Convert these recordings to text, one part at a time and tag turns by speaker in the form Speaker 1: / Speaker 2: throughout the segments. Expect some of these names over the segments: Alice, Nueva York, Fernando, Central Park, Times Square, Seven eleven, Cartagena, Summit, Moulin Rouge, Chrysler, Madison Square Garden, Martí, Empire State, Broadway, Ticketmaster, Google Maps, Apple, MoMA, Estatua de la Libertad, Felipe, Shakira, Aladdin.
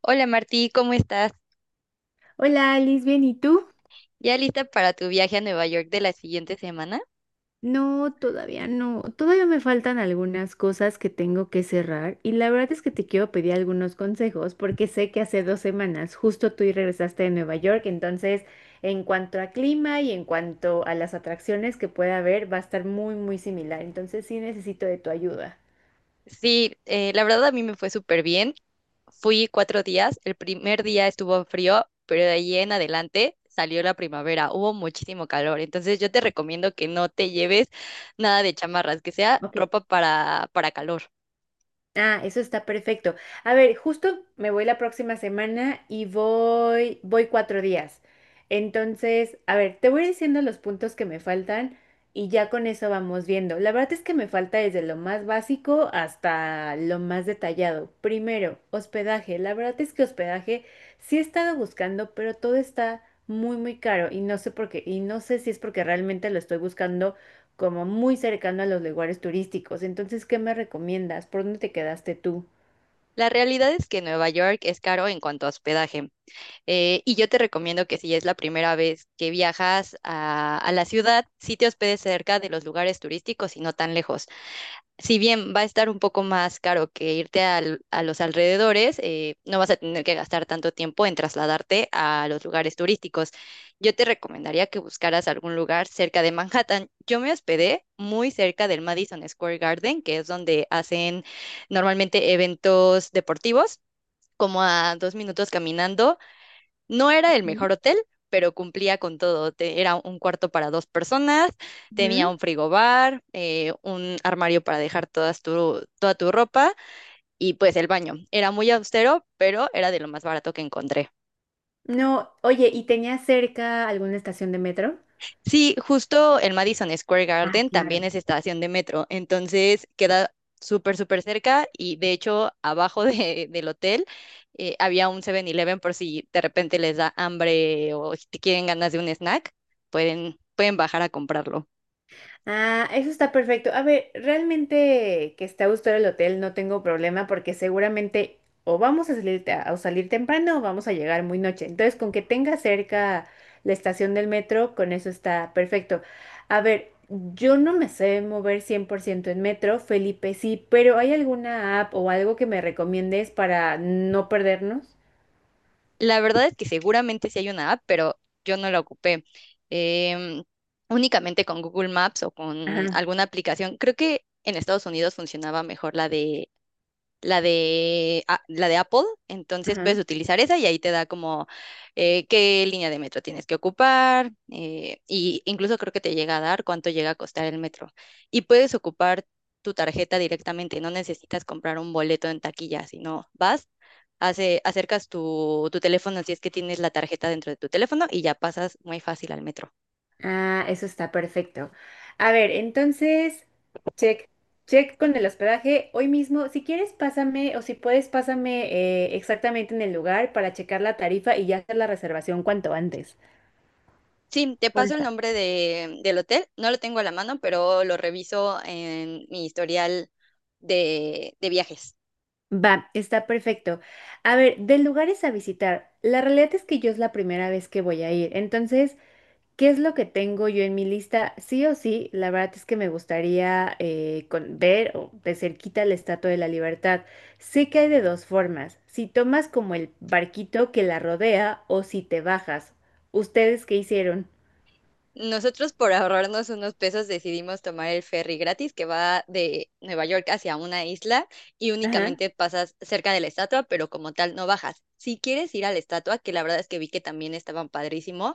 Speaker 1: Hola Martí, ¿cómo estás?
Speaker 2: Hola Alice, bien, ¿y tú?
Speaker 1: ¿Ya lista para tu viaje a Nueva York de la siguiente semana?
Speaker 2: No, todavía no. Todavía me faltan algunas cosas que tengo que cerrar y la verdad es que te quiero pedir algunos consejos porque sé que hace 2 semanas justo tú y regresaste de Nueva York, entonces en cuanto a clima y en cuanto a las atracciones que pueda haber va a estar muy, muy similar, entonces sí necesito de tu ayuda.
Speaker 1: Sí, la verdad a mí me fue súper bien. Fui cuatro días. El primer día estuvo frío, pero de ahí en adelante salió la primavera. Hubo muchísimo calor. Entonces yo te recomiendo que no te lleves nada de chamarras, que sea ropa para calor.
Speaker 2: Ah, eso está perfecto. A ver, justo me voy la próxima semana y voy 4 días. Entonces, a ver, te voy diciendo los puntos que me faltan y ya con eso vamos viendo. La verdad es que me falta desde lo más básico hasta lo más detallado. Primero, hospedaje. La verdad es que hospedaje sí he estado buscando, pero todo está muy, muy caro y no sé por qué. Y no sé si es porque realmente lo estoy buscando como muy cercano a los lugares turísticos. Entonces, ¿qué me recomiendas? ¿Por dónde te quedaste tú?
Speaker 1: La realidad es que Nueva York es caro en cuanto a hospedaje. Y yo te recomiendo que si es la primera vez que viajas a la ciudad, sí te hospedes cerca de los lugares turísticos y no tan lejos. Si bien va a estar un poco más caro que irte a los alrededores, no vas a tener que gastar tanto tiempo en trasladarte a los lugares turísticos. Yo te recomendaría que buscaras algún lugar cerca de Manhattan. Yo me hospedé muy cerca del Madison Square Garden, que es donde hacen normalmente eventos deportivos. Como a 2 minutos caminando, no era el
Speaker 2: Ujú.
Speaker 1: mejor hotel, pero cumplía con todo. Era un cuarto para 2 personas, tenía
Speaker 2: Ujú.
Speaker 1: un frigobar, un armario para dejar toda tu ropa y pues el baño. Era muy austero, pero era de lo más barato que encontré.
Speaker 2: No, oye, ¿y tenías cerca alguna estación de metro?
Speaker 1: Sí, justo el Madison Square
Speaker 2: Ah,
Speaker 1: Garden también
Speaker 2: claro.
Speaker 1: es estación de metro, entonces queda súper cerca, y de hecho abajo del hotel había un 7-Eleven por si de repente les da hambre o si quieren ganas de un snack, pueden bajar a comprarlo.
Speaker 2: Ah, eso está perfecto. A ver, realmente que esté a gusto el hotel no tengo problema porque seguramente o vamos a salir, a salir temprano o vamos a llegar muy noche. Entonces, con que tenga cerca la estación del metro, con eso está perfecto. A ver, yo no me sé mover 100% en metro, Felipe sí, pero ¿hay alguna app o algo que me recomiendes para no perdernos?
Speaker 1: La verdad es que seguramente sí hay una app, pero yo no la ocupé. Em, Únicamente con Google Maps o con
Speaker 2: Ajá,
Speaker 1: alguna aplicación. Creo que en Estados Unidos funcionaba mejor la de Apple, entonces puedes
Speaker 2: ajá.
Speaker 1: utilizar esa y ahí te da como qué línea de metro tienes que ocupar, y incluso creo que te llega a dar cuánto llega a costar el metro. Y puedes ocupar tu tarjeta directamente, no necesitas comprar un boleto en taquilla, sino vas, acercas tu teléfono si es que tienes la tarjeta dentro de tu teléfono y ya pasas muy fácil al metro.
Speaker 2: Ah, eso está perfecto. A ver, entonces, check, check con el hospedaje. Hoy mismo, si quieres, pásame o si puedes, pásame exactamente en el lugar para checar la tarifa y ya hacer la reservación cuanto antes.
Speaker 1: Sí, te paso el
Speaker 2: Porfa.
Speaker 1: nombre del hotel. No lo tengo a la mano, pero lo reviso en mi historial de viajes.
Speaker 2: Va, está perfecto. A ver, de lugares a visitar. La realidad es que yo es la primera vez que voy a ir, entonces, ¿qué es lo que tengo yo en mi lista? Sí o sí, la verdad es que me gustaría ver o de cerquita la Estatua de la Libertad. Sé que hay de dos formas, si tomas como el barquito que la rodea o si te bajas. ¿Ustedes qué hicieron?
Speaker 1: Nosotros por ahorrarnos unos pesos decidimos tomar el ferry gratis que va de Nueva York hacia una isla y
Speaker 2: Ajá,
Speaker 1: únicamente pasas cerca de la estatua, pero como tal no bajas. Si quieres ir a la estatua, que la verdad es que vi que también estaban padrísimo,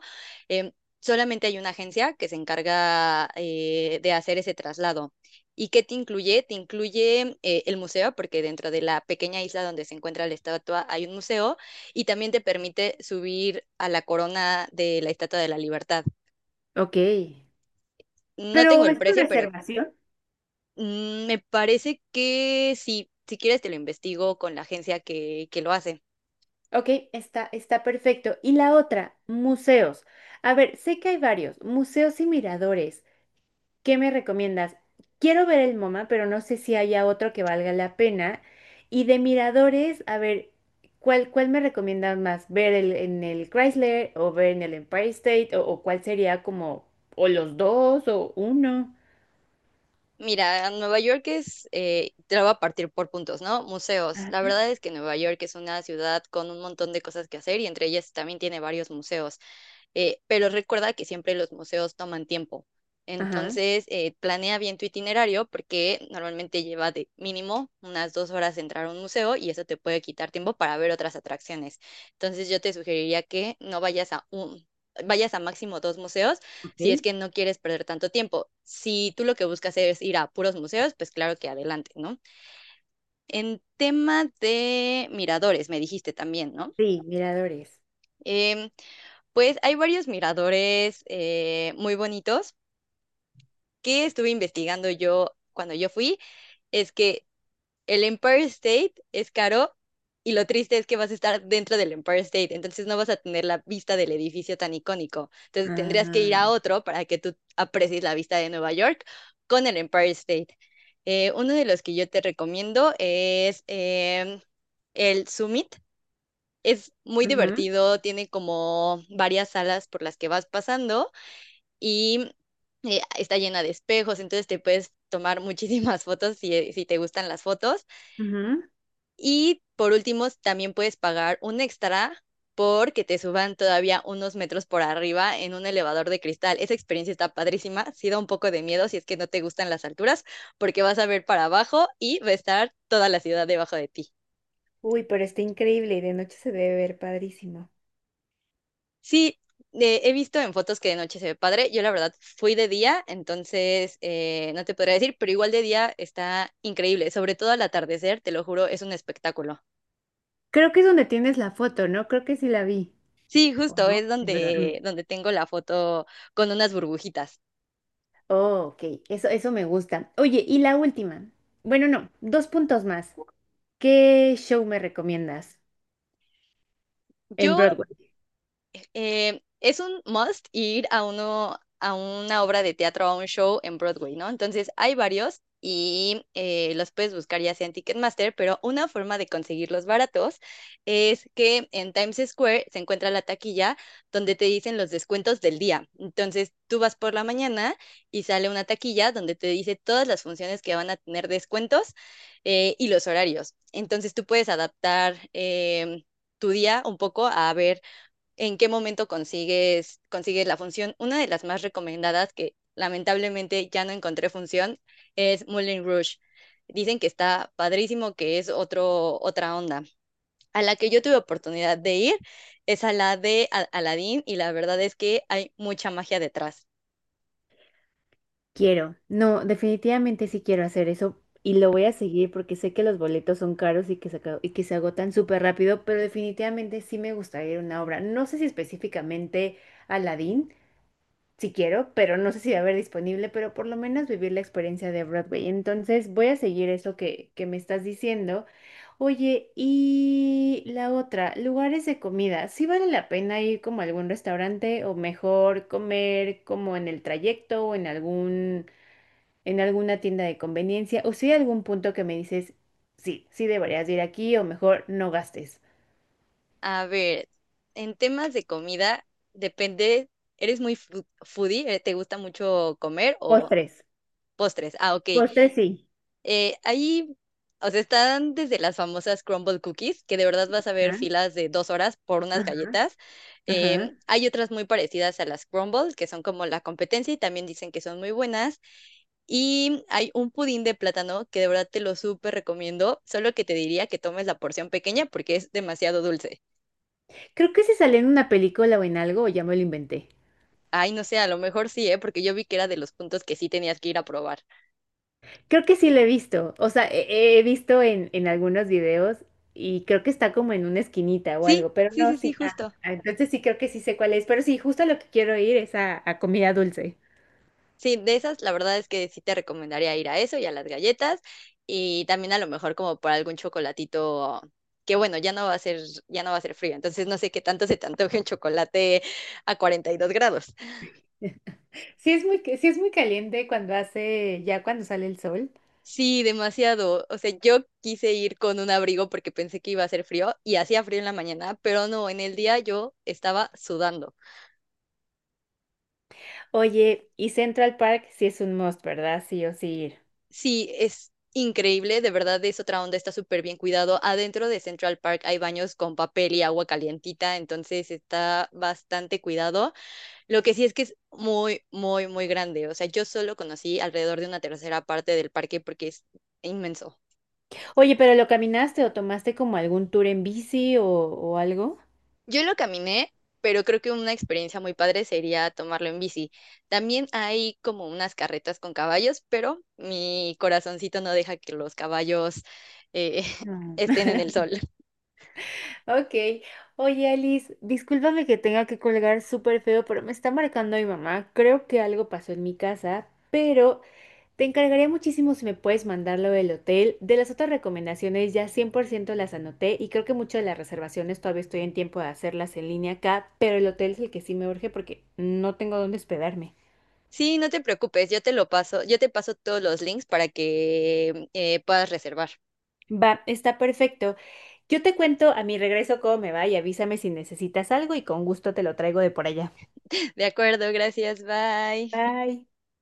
Speaker 1: em, solamente hay una agencia que se encarga, de hacer ese traslado. ¿Y qué te incluye? Te incluye, el museo, porque dentro de la pequeña isla donde se encuentra la estatua hay un museo y también te permite subir a la corona de la Estatua de la Libertad.
Speaker 2: ok.
Speaker 1: No tengo
Speaker 2: Pero
Speaker 1: el
Speaker 2: es con
Speaker 1: precio, pero
Speaker 2: reservación.
Speaker 1: mm, me parece que sí, si quieres te lo investigo con la agencia que lo hace.
Speaker 2: Ok, está perfecto. Y la otra, museos. A ver, sé que hay varios, museos y miradores. ¿Qué me recomiendas? Quiero ver el MoMA, pero no sé si haya otro que valga la pena. Y de miradores, a ver, ¿cuál me recomiendas más? ¿Ver en el Chrysler o ver en el Empire State? ¿O cuál sería como, o los dos o uno?
Speaker 1: Mira, Nueva York es, te lo voy a partir por puntos, ¿no? Museos. La
Speaker 2: Ah,
Speaker 1: verdad es que Nueva York es una ciudad con un montón de cosas que hacer y entre ellas también tiene varios museos. Pero recuerda que siempre los museos toman tiempo.
Speaker 2: ajá.
Speaker 1: Entonces, planea bien tu itinerario porque normalmente lleva de mínimo unas 2 horas entrar a un museo y eso te puede quitar tiempo para ver otras atracciones. Entonces, yo te sugeriría que no vayas a un, vayas a máximo 2 museos
Speaker 2: Ok.
Speaker 1: si es que no quieres perder tanto tiempo. Si tú lo que buscas es ir a puros museos, pues claro que adelante, ¿no? En tema de miradores, me dijiste también, ¿no?
Speaker 2: Sí, miradores.
Speaker 1: Em, pues hay varios miradores, muy bonitos, que estuve investigando yo cuando yo fui. Es que el Empire State es caro y lo triste es que vas a estar dentro del Empire State, entonces no vas a tener la vista del edificio tan icónico. Entonces tendrías que ir
Speaker 2: Ah,
Speaker 1: a otro para que tú aprecies la vista de Nueva York con el Empire State. Uno de los que yo te recomiendo es el Summit. Es muy
Speaker 2: ujú.
Speaker 1: divertido, tiene como varias salas por las que vas pasando y está llena de espejos, entonces te puedes tomar muchísimas fotos si te gustan las fotos.
Speaker 2: Ujú.
Speaker 1: Y por último, también puedes pagar un extra porque te suban todavía unos metros por arriba en un elevador de cristal. Esa experiencia está padrísima, sí da un poco de miedo si es que no te gustan las alturas, porque vas a ver para abajo y va a estar toda la ciudad debajo de ti.
Speaker 2: Uy, pero está increíble y de noche se debe ver padrísimo.
Speaker 1: Sí, he visto en fotos que de noche se ve padre. Yo la verdad fui de día, entonces no te podría decir, pero igual de día está increíble, sobre todo al atardecer, te lo juro, es un espectáculo.
Speaker 2: Creo que es donde tienes la foto, ¿no? Creo que sí la vi.
Speaker 1: Sí, justo es
Speaker 2: Es verdad.
Speaker 1: donde, donde tengo la foto con unas burbujitas.
Speaker 2: Oh, ok, eso me gusta. Oye, y la última. Bueno, no, dos puntos más. ¿Qué show me recomiendas en
Speaker 1: Yo,
Speaker 2: Broadway?
Speaker 1: es un must ir a uno, a una obra de teatro, a un show en Broadway, ¿no? Entonces hay varios y, los puedes buscar ya sea en Ticketmaster, pero una forma de conseguirlos baratos es que en Times Square se encuentra la taquilla donde te dicen los descuentos del día. Entonces tú vas por la mañana y sale una taquilla donde te dice todas las funciones que van a tener descuentos, y los horarios. Entonces tú puedes adaptar... Tu día un poco a ver en qué momento consigues la función. Una de las más recomendadas, que lamentablemente ya no encontré función, es Moulin Rouge. Dicen que está padrísimo, que es otra onda. A la que yo tuve oportunidad de ir es a la de Aladdin y la verdad es que hay mucha magia detrás.
Speaker 2: Quiero. No, definitivamente sí quiero hacer eso y lo voy a seguir porque sé que los boletos son caros y que se agotan súper rápido, pero definitivamente sí me gustaría ir a una obra. No sé si específicamente Aladdin, si quiero, pero no sé si va a haber disponible, pero por lo menos vivir la experiencia de Broadway. Entonces voy a seguir eso que me estás diciendo. Oye, y la otra, lugares de comida. ¿Sí vale la pena ir como a algún restaurante o mejor comer como en el trayecto o en alguna tienda de conveniencia? ¿O si hay algún punto que me dices, sí, sí deberías de ir aquí o mejor no gastes?
Speaker 1: A ver, en temas de comida, depende, ¿eres muy foodie? ¿Te gusta mucho comer o
Speaker 2: Postres,
Speaker 1: postres? Ah, ok.
Speaker 2: postres sí.
Speaker 1: Eh, ahí, o sea, están desde las famosas crumble cookies, que de verdad vas a ver
Speaker 2: Ajá,
Speaker 1: filas de 2 horas por unas
Speaker 2: ajá,
Speaker 1: galletas.
Speaker 2: ajá.
Speaker 1: Hay otras muy parecidas a las crumbles, que son como la competencia y también dicen que son muy buenas. Y hay un pudín de plátano que de verdad te lo súper recomiendo, solo que te diría que tomes la porción pequeña porque es demasiado dulce.
Speaker 2: Creo que se salió en una película o en algo, o ya me lo inventé.
Speaker 1: Ay, no sé, a lo mejor sí, ¿eh? Porque yo vi que era de los puntos que sí tenías que ir a probar.
Speaker 2: Creo que sí lo he visto. O sea, he visto en algunos videos y creo que está como en una esquinita o
Speaker 1: Sí,
Speaker 2: algo, pero
Speaker 1: sí,
Speaker 2: no,
Speaker 1: sí, sí,
Speaker 2: sí. Ah,
Speaker 1: justo.
Speaker 2: ah, entonces sí creo que sí sé cuál es. Pero sí, justo a lo que quiero ir es a comida dulce.
Speaker 1: Sí, de esas, la verdad es que sí te recomendaría ir a eso y a las galletas, y también a lo mejor como por algún chocolatito que bueno, ya no va a ser frío, entonces no sé qué tanto se te antoje un chocolate a 42 grados.
Speaker 2: Sí es muy caliente cuando ya cuando sale el sol.
Speaker 1: Sí, demasiado. O sea, yo quise ir con un abrigo porque pensé que iba a hacer frío y hacía frío en la mañana, pero no, en el día yo estaba sudando.
Speaker 2: Oye, y Central Park sí es un must, ¿verdad? Sí o sí ir.
Speaker 1: Sí, es increíble, de verdad es otra onda, está súper bien cuidado. Adentro de Central Park hay baños con papel y agua calientita, entonces está bastante cuidado. Lo que sí es que es muy grande. O sea, yo solo conocí alrededor de una tercera parte del parque porque es inmenso.
Speaker 2: Oye, pero ¿lo caminaste o tomaste como algún tour en bici o algo?
Speaker 1: Yo lo caminé, pero creo que una experiencia muy padre sería tomarlo en bici. También hay como unas carretas con caballos, pero mi corazoncito no deja que los caballos, eh,
Speaker 2: No.
Speaker 1: estén en el sol.
Speaker 2: Ok. Oye, Alice, discúlpame que tenga que colgar súper feo, pero me está marcando mi mamá. Creo que algo pasó en mi casa, pero te encargaría muchísimo si me puedes mandarlo del hotel. De las otras recomendaciones ya 100% las anoté y creo que muchas de las reservaciones todavía estoy en tiempo de hacerlas en línea acá, pero el hotel es el que sí me urge porque no tengo dónde hospedarme.
Speaker 1: Sí, no te preocupes, yo te lo paso, yo te paso todos los links para que puedas reservar.
Speaker 2: Va, está perfecto. Yo te cuento a mi regreso cómo me va y avísame si necesitas algo y con gusto te lo traigo de por allá.
Speaker 1: De acuerdo, gracias, bye.
Speaker 2: Bye.